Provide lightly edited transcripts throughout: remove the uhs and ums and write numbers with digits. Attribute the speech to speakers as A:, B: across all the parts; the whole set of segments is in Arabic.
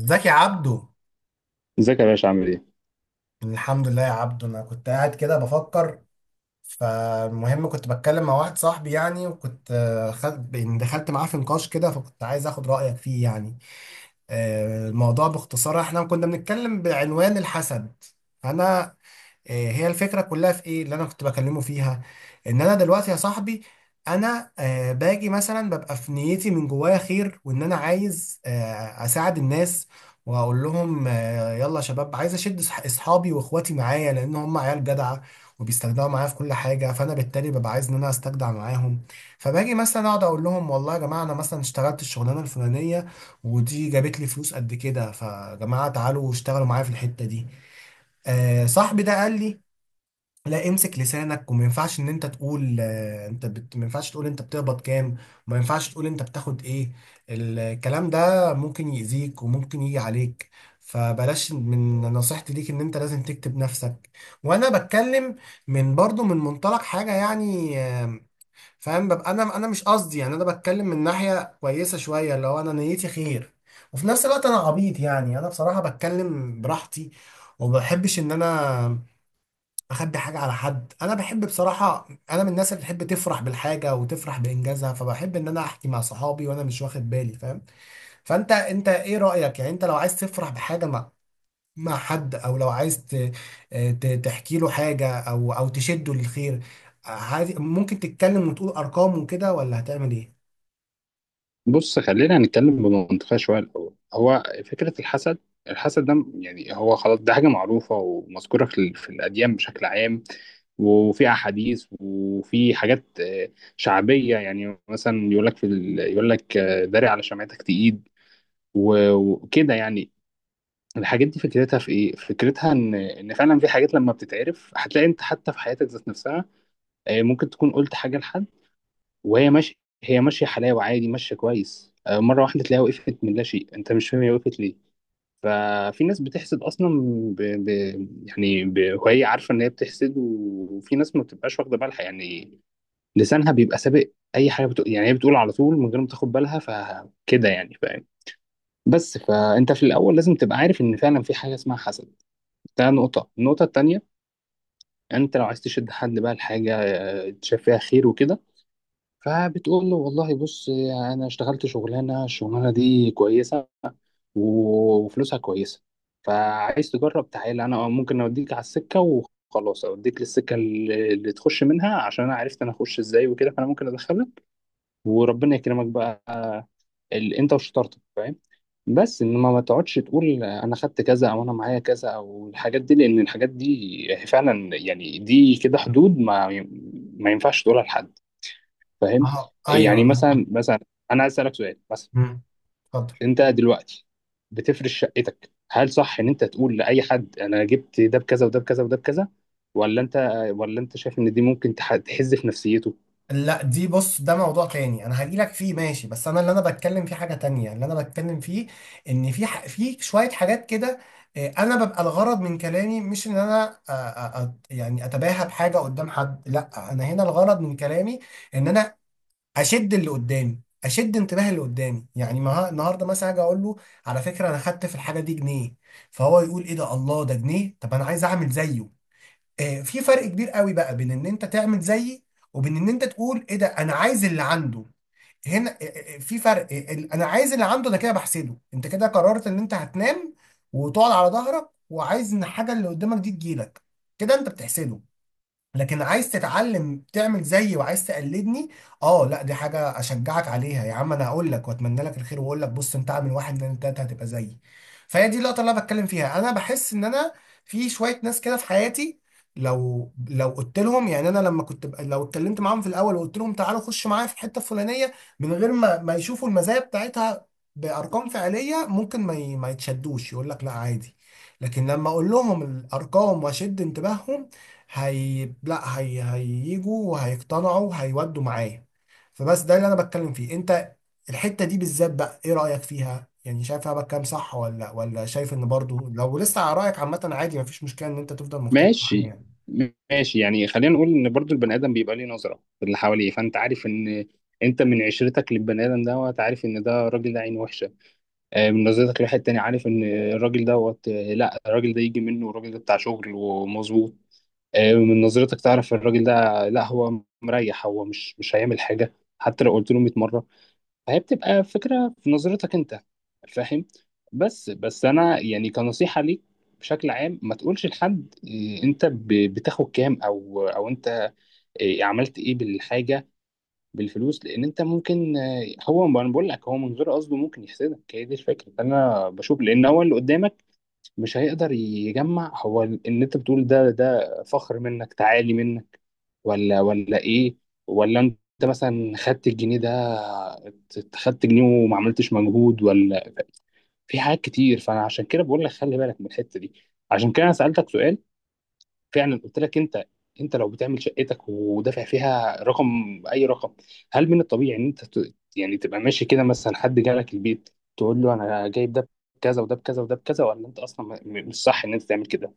A: ازيك يا عبدو.
B: ازيك يا باشا؟ عامل ايه؟
A: الحمد لله يا عبدو، انا كنت قاعد كده بفكر. فالمهم كنت بتكلم مع واحد صاحبي يعني، وكنت خد يعني دخلت معاه في نقاش كده، فكنت عايز اخد رأيك فيه يعني. الموضوع باختصار احنا كنا بنتكلم بعنوان الحسد. انا هي الفكرة كلها في ايه اللي انا كنت بكلمه فيها، ان انا دلوقتي يا صاحبي انا باجي مثلا ببقى في نيتي من جوايا خير، وان انا عايز اساعد الناس، واقول لهم يلا يا شباب، عايز اشد اصحابي واخواتي معايا لان هم عيال جدعة وبيستجدعوا معايا في كل حاجة، فانا بالتالي ببقى عايز ان انا استجدع معاهم. فباجي مثلا اقعد اقول لهم والله يا جماعة انا مثلا اشتغلت الشغلانة الفلانية ودي جابت لي فلوس قد كده، فجماعة تعالوا اشتغلوا معايا في الحتة دي. آه صاحبي ده قال لي لا امسك لسانك، وما ينفعش ان انت تقول آه انت ما ينفعش تقول انت بتقبض كام، وما ينفعش تقول انت بتاخد ايه. الكلام ده ممكن يأذيك وممكن يجي عليك، فبلاش، من نصيحتي ليك ان انت لازم تكتب نفسك. وانا بتكلم من برضو من منطلق حاجة يعني، فاهم؟ ببقى انا مش قصدي يعني، انا بتكلم من ناحيه كويسه شويه، اللي هو انا نيتي خير، وفي نفس الوقت انا عبيط يعني، انا بصراحه بتكلم براحتي، وما بحبش ان انا اخبي حاجه على حد. انا بحب بصراحه، انا من الناس اللي بتحب تفرح بالحاجه وتفرح بانجازها، فبحب ان انا احكي مع صحابي وانا مش واخد بالي، فاهم؟ فانت انت ايه رايك يعني؟ انت لو عايز تفرح بحاجه ما مع حد، او لو عايز تحكي له حاجه، او تشده للخير، عايز ممكن تتكلم وتقول ارقام وكده، ولا هتعمل ايه؟
B: بص، خلينا نتكلم بمنطقية شوية. الأول هو فكرة الحسد. الحسد ده يعني هو خلاص ده حاجة معروفة ومذكورة في الأديان بشكل عام، وفي أحاديث وفي حاجات شعبية. يعني مثلا يقول لك يقول لك داري على شمعتك تقيد، و- وكده يعني. الحاجات دي فكرتها في ايه؟ فكرتها ان فعلا في حاجات لما بتتعرف هتلاقي انت حتى في حياتك ذات نفسها ممكن تكون قلت حاجة لحد وهي ماشيه هي ماشيه حلاوه، عادي، ماشيه كويس، مره واحده تلاقيها وقفت من لا شيء، انت مش فاهم هي وقفت ليه. ففي ناس بتحسد اصلا، ب... ب... يعني وهي عارفه ان هي بتحسد، و- وفي ناس ما بتبقاش واخده بالها يعني، لسانها بيبقى سابق، اي حاجه بتقول، يعني هي بتقول على طول من غير ما تاخد بالها، فكده يعني، فاهم؟ بس فانت في الاول لازم تبقى عارف ان فعلا في حاجه اسمها حسد. ده نقطه. النقطه التانيه، انت لو عايز تشد حد بقى لحاجه تشاف فيها خير وكده، فبتقول له والله بص، انا اشتغلت شغلانه، الشغلانه دي كويسه، و- وفلوسها كويسه، فعايز تجرب، تعالى انا ممكن اوديك على السكه، وخلاص اوديك للسكه اللي تخش منها عشان انا عرفت انا اخش ازاي وكده، فانا ممكن ادخلك وربنا يكرمك بقى انت وشطارتك، فاهم؟ بس انما ما تقعدش تقول انا خدت كذا، او انا معايا كذا، او الحاجات دي، لان الحاجات دي فعلا يعني دي كده حدود ما ينفعش تقولها لحد، فاهم؟
A: اه ايوه.
B: يعني مثلا انا عايز اسالك سؤال. مثلا
A: مم. اتفضل.
B: انت دلوقتي بتفرش شقتك، هل صح ان انت تقول لاي حد انا جبت ده بكذا وده بكذا وده بكذا، ولا انت ولا انت شايف ان دي ممكن تحز في نفسيته؟
A: لا دي بص، ده موضوع تاني انا هجيلك فيه ماشي، بس انا اللي انا بتكلم فيه حاجه تانية. اللي انا بتكلم فيه ان في في شويه حاجات كده. انا ببقى الغرض من كلامي مش ان انا يعني اتباهى بحاجه قدام حد، لا انا هنا الغرض من كلامي ان انا اشد اللي قدامي، اشد انتباه اللي قدامي. يعني النهارده مثلا اجي اقول له على فكره انا خدت في الحاجه دي جنيه، فهو يقول ايه ده، الله، ده جنيه؟ طب انا عايز اعمل زيه. آه، في فرق كبير قوي بقى بين ان انت تعمل زيي، وبين ان انت تقول ايه ده، انا عايز اللي عنده. هنا في فرق، انا عايز اللي عنده ده، كده بحسده. انت كده قررت ان انت هتنام وتقعد على ظهرك، وعايز ان الحاجه اللي قدامك دي تجيلك، كده انت بتحسده. لكن عايز تتعلم تعمل زيي، وعايز تقلدني، اه لا دي حاجه اشجعك عليها يا عم. انا هقول لك واتمنى لك الخير، واقول لك بص انت اعمل واحد اتنين تلاته هتبقى زيي. فهي دي اللقطه اللي انا بتكلم فيها. انا بحس ان انا في شويه ناس كده في حياتي، لو قلت لهم يعني، انا لما كنت لو اتكلمت معاهم في الاول وقلت لهم تعالوا خشوا معايا في الحته الفلانيه، من غير ما يشوفوا المزايا بتاعتها بارقام فعليه، ممكن ما يتشدوش، يقول لك لا عادي. لكن لما اقول لهم الارقام واشد انتباههم، هي لا هي هييجوا وهيقتنعوا وهيودوا معايا. فبس ده اللي انا بتكلم فيه. انت الحتة دي بالذات بقى ايه رأيك فيها يعني؟ شايف انا بتكلم صح، ولا شايف ان برضو لو لسه على رأيك عامة عادي، مفيش مشكلة ان انت تفضل مختلف معايا
B: ماشي.
A: يعني.
B: ماشي، يعني خلينا نقول ان برضو البني ادم بيبقى ليه نظره في اللي حواليه. فانت عارف ان انت من عشرتك للبني ادم دوت، عارف ان ده الراجل ده عين وحشه، من نظرتك لواحد تاني عارف ان الراجل دوت، لا الراجل ده يجي منه، والراجل ده بتاع شغل ومظبوط، من نظرتك تعرف الراجل ده لا هو مريح، هو مش هيعمل حاجة حتى لو قلت له 100 مرة. فهي بتبقى فكرة في نظرتك انت، فاهم؟ بس انا يعني كنصيحة ليك، بشكل عام ما تقولش لحد انت بتاخد كام، او انت عملت ايه بالحاجة، بالفلوس، لان انت ممكن هو انا بقول لك هو من غير قصده ممكن يحسدك، هي دي الفكرة انا بشوف، لان هو اللي قدامك مش هيقدر يجمع هو ان انت بتقول ده فخر منك، تعالي منك، ولا ايه؟ ولا انت مثلا خدت الجنيه ده، خدت جنيه وما عملتش مجهود ولا في حاجات كتير. فانا عشان كده بقول لك خلي بالك من الحته دي. عشان كده انا سالتك سؤال، فعلا قلت لك انت لو بتعمل شقتك ودافع فيها رقم، اي رقم، هل من الطبيعي ان انت يعني تبقى ماشي كده مثلا، حد جالك البيت تقول له انا جايب ده بكذا وده بكذا وده بكذا، ولا انت اصلا مش صح ان انت تعمل كده؟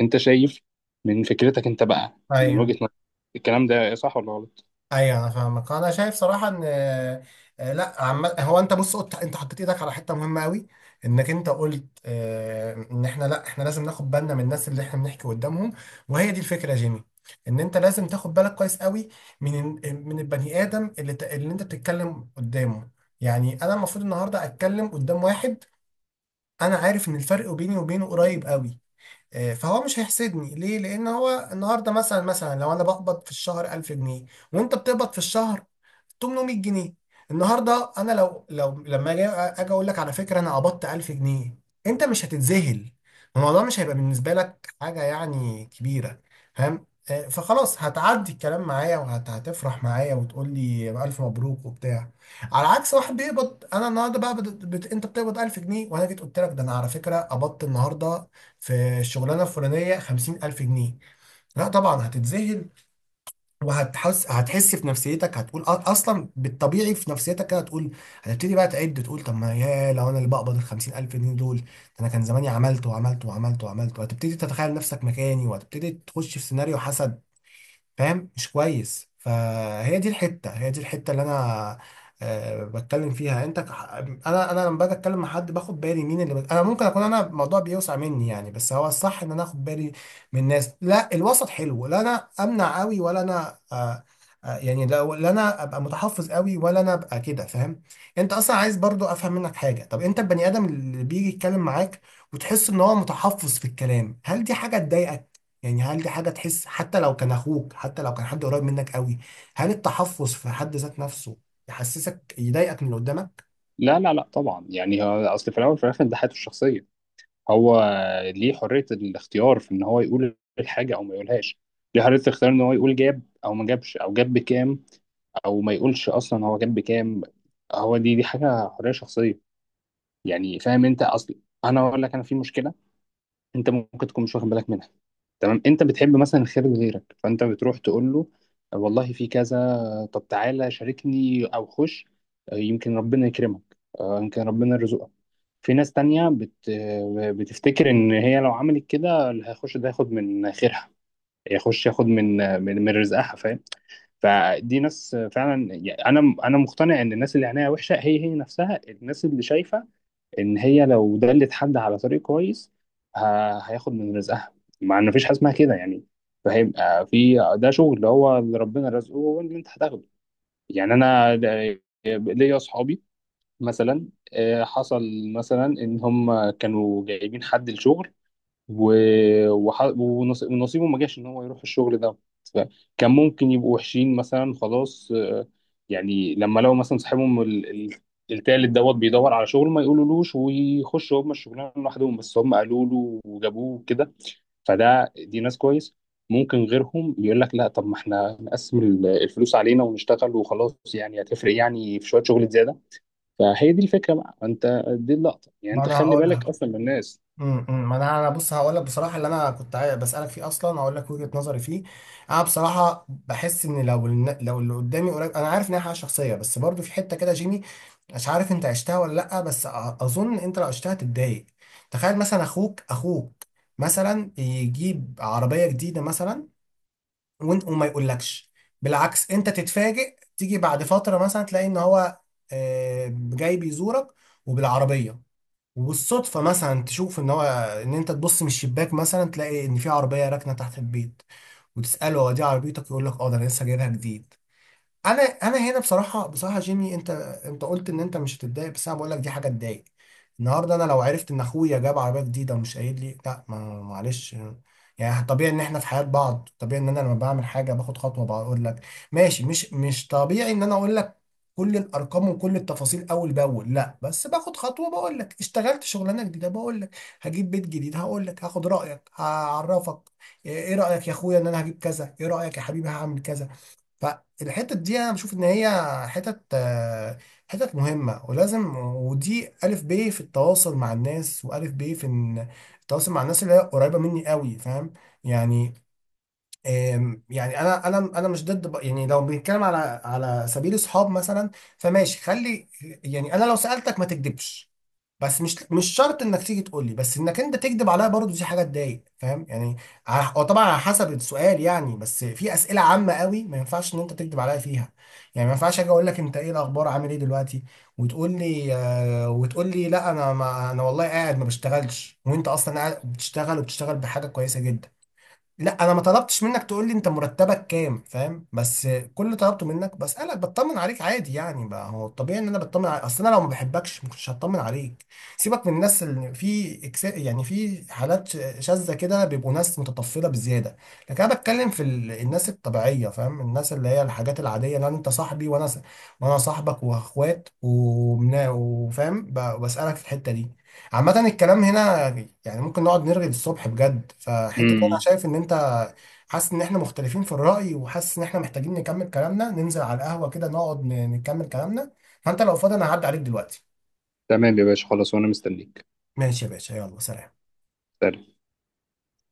B: انت شايف من فكرتك انت بقى، من وجهة
A: ايوه
B: نظرك، الكلام ده صح ولا غلط؟
A: ايوه انا فاهمك. انا شايف صراحه ان آه، لا عم... هو انت بص، قلت انت حطيت ايدك على حته مهمه قوي، انك انت قلت ان احنا، لا احنا لازم ناخد بالنا من الناس اللي احنا بنحكي قدامهم. وهي دي الفكره يا جيمي، ان انت لازم تاخد بالك كويس قوي من البني ادم اللي اللي انت بتتكلم قدامه. يعني انا المفروض النهارده اتكلم قدام واحد انا عارف ان الفرق بيني وبينه قريب قوي، فهو مش هيحسدني ليه؟ لان هو النهارده مثلا لو انا بقبض في الشهر 1000 جنيه، وانت بتقبض في الشهر 800 جنيه، النهارده انا لو لما اجي اقول لك على فكره انا قبضت 1000 جنيه، انت مش هتتذهل. الموضوع مش هيبقى بالنسبه لك حاجه يعني كبيره، فاهم؟ فخلاص هتعدي الكلام معايا وهتفرح معايا وتقول لي الف مبروك وبتاع. على عكس واحد بيقبض، انا النهارده بقى انت بتقبض 1000 جنيه، وانا جيت قلت لك ده انا على فكره قبضت النهارده في الشغلانه الفلانيه 50000 جنيه، لا طبعا هتتذهل. وهتحس في نفسيتك، هتقول اصلا بالطبيعي في نفسيتك كده هتقول، هتبتدي بقى تعد تقول، طب ما يا لو انا اللي بقبض ال 50000 الف جنيه دول ده، انا كان زماني عملت وعملت وعملت وعملت، وهتبتدي تتخيل نفسك مكاني وهتبتدي تخش في سيناريو حسد، فاهم؟ مش كويس. فهي دي الحته، هي دي الحته اللي انا أه بتكلم فيها. انا لما باجي اتكلم مع حد باخد بالي مين اللي انا ممكن اكون انا الموضوع بيوسع مني يعني، بس هو الصح ان انا اخد بالي من الناس. لا الوسط حلو، لا انا امنع قوي ولا انا أه يعني، لا انا ابقى متحفظ قوي، ولا انا ابقى كده، فاهم؟ انت اصلا عايز برضو افهم منك حاجه. طب انت البني ادم اللي بيجي يتكلم معاك وتحس ان هو متحفظ في الكلام، هل دي حاجه تضايقك؟ يعني هل دي حاجة تحس، حتى لو كان أخوك، حتى لو كان حد قريب منك قوي، هل التحفظ في حد ذات نفسه يحسسك، يضايقك من اللي قدامك؟
B: لا، لا، لا، طبعا. يعني هو اصل في الاول وفي الاخر ده حياته الشخصيه. هو ليه حريه الاختيار في ان هو يقول الحاجه او ما يقولهاش، ليه حريه الاختيار ان هو يقول جاب او ما جابش او جاب بكام، او ما يقولش اصلا هو جاب بكام. هو دي حاجه حريه شخصيه، يعني. فاهم؟ انت اصل انا اقول لك انا في مشكله، انت ممكن تكون مش واخد بالك منها. تمام، انت بتحب مثلا الخير لغيرك، فانت بتروح تقول له والله في كذا، طب تعالى شاركني او خش، يمكن ربنا يكرمك، يمكن ربنا يرزقك. في ناس تانية بت... آه، بتفتكر ان هي لو عملت كده اللي هيخش ده ياخد من خيرها، يخش ياخد من, رزقها، فاهم؟ فدي ناس فعلا، يعني انا مقتنع ان الناس اللي عينيها وحشة، هي نفسها الناس اللي شايفة ان هي لو دلت حد على طريق كويس هياخد من رزقها، مع ان مفيش حاجه اسمها كده يعني. فهيبقى في ده شغل اللي هو اللي ربنا رزقه هو اللي انت هتاخده. يعني انا ليا اصحابي مثلا حصل مثلا ان هم كانوا جايبين حد الشغل، و... وح... ونص- ونصيبه ما جاش ان هو يروح الشغل ده. فكان ممكن يبقوا وحشين مثلا، خلاص يعني لما لو مثلا صاحبهم التالت دوت بيدور على شغل ما يقولولوش، ويخشوا هم الشغلانه لوحدهم، بس هم قالوا له وجابوه كده، فده دي ناس كويس. ممكن غيرهم يقول لك لا، طب ما احنا نقسم الفلوس علينا ونشتغل وخلاص، يعني هتفرق يعني في شويه شغل زياده. فهي دي الفكره بقى، انت دي اللقطه، يعني
A: ما
B: انت
A: انا
B: خلي
A: هقول لك.
B: بالك اصلا من الناس.
A: أمم. ما انا بص هقول لك بصراحه اللي انا كنت بسالك فيه اصلا، هقول لك وجهه نظري فيه. انا بصراحه بحس ان لو لو اللي قدامي قريب، انا عارف ان هي حاجه شخصيه، بس برضو في حته كده جيمي، مش عارف انت عشتها ولا لا، بس اظن انت لو عشتها تتضايق. تخيل مثلا اخوك مثلا يجيب عربيه جديده مثلا، وانت وما يقولكش. بالعكس، انت تتفاجئ، تيجي بعد فترة مثلا تلاقي ان هو جاي بيزورك وبالعربية، وبالصدفة مثلا تشوف ان هو، ان انت تبص من الشباك مثلا تلاقي ان في عربية راكنة تحت البيت، وتسأله هو دي عربيتك؟ يقول لك اه ده انا لسه جايبها جديد. انا هنا بصراحه بصراحه جيمي، انت انت قلت ان انت مش هتتضايق، بس انا بقول لك دي حاجه تضايق. النهارده انا لو عرفت ان اخويا جاب عربيه جديده ومش قايل لي، لا ما، معلش، يعني طبيعي ان احنا في حياه بعض، طبيعي ان انا لما بعمل حاجه باخد خطوه بقول لك، ماشي مش طبيعي ان انا اقول لك كل الارقام وكل التفاصيل اول باول، لا بس باخد خطوه بقول لك اشتغلت شغلانه جديده، بقول لك هجيب بيت جديد، هقول لك هاخد رايك، هعرفك، ايه رايك يا اخويا ان انا هجيب كذا، ايه رايك يا حبيبي هعمل كذا. فالحتة دي انا بشوف ان هي حتت آه، حتت مهمة ولازم، ودي الف ب في التواصل مع الناس، والف ب في إن التواصل مع الناس اللي هي قريبة مني قوي، فاهم؟ يعني، يعني انا مش ضد يعني لو بنتكلم على على سبيل اصحاب مثلا، فماشي خلي يعني، انا لو سالتك ما تكذبش، بس مش شرط انك تيجي تقول لي، بس انك انت تكذب عليا برضو دي حاجه تضايق، فاهم يعني؟ هو طبعا على حسب السؤال يعني، بس في اسئله عامه قوي ما ينفعش ان انت تكذب عليا فيها. يعني ما ينفعش اجي اقول لك انت ايه الاخبار، عامل ايه دلوقتي، وتقول لي وتقول لي لا انا ما انا والله قاعد ما بشتغلش، وانت اصلا قاعد بتشتغل وبتشتغل بحاجه كويسه جدا. لا انا ما طلبتش منك تقول لي انت مرتبك كام، فاهم؟ بس كل اللي طلبته منك بسالك بطمن عليك عادي يعني، بقى هو الطبيعي ان انا بطمن عليك، اصل انا لو ما بحبكش ما كنتش هطمن عليك. سيبك من الناس اللي في يعني في حالات شاذه كده بيبقوا ناس متطفله بزياده. لكن انا بتكلم في الناس الطبيعيه، فاهم؟ الناس اللي هي الحاجات العاديه، لان انت صاحبي، وانا وانا صاحبك واخوات وفاهم بسالك في الحته دي. عامة الكلام هنا يعني ممكن نقعد نرغي للصبح بجد، فحتة إن أنا شايف إن أنت حاسس إن إحنا مختلفين في الرأي، وحاسس إن إحنا محتاجين نكمل كلامنا، ننزل على القهوة كده نقعد نكمل كلامنا. فأنت لو فاضي أنا هعدي عليك دلوقتي.
B: تمام يا باشا، خلاص وانا مستنيك.
A: ماشي يا باشا، يلا سلام.
B: سلام.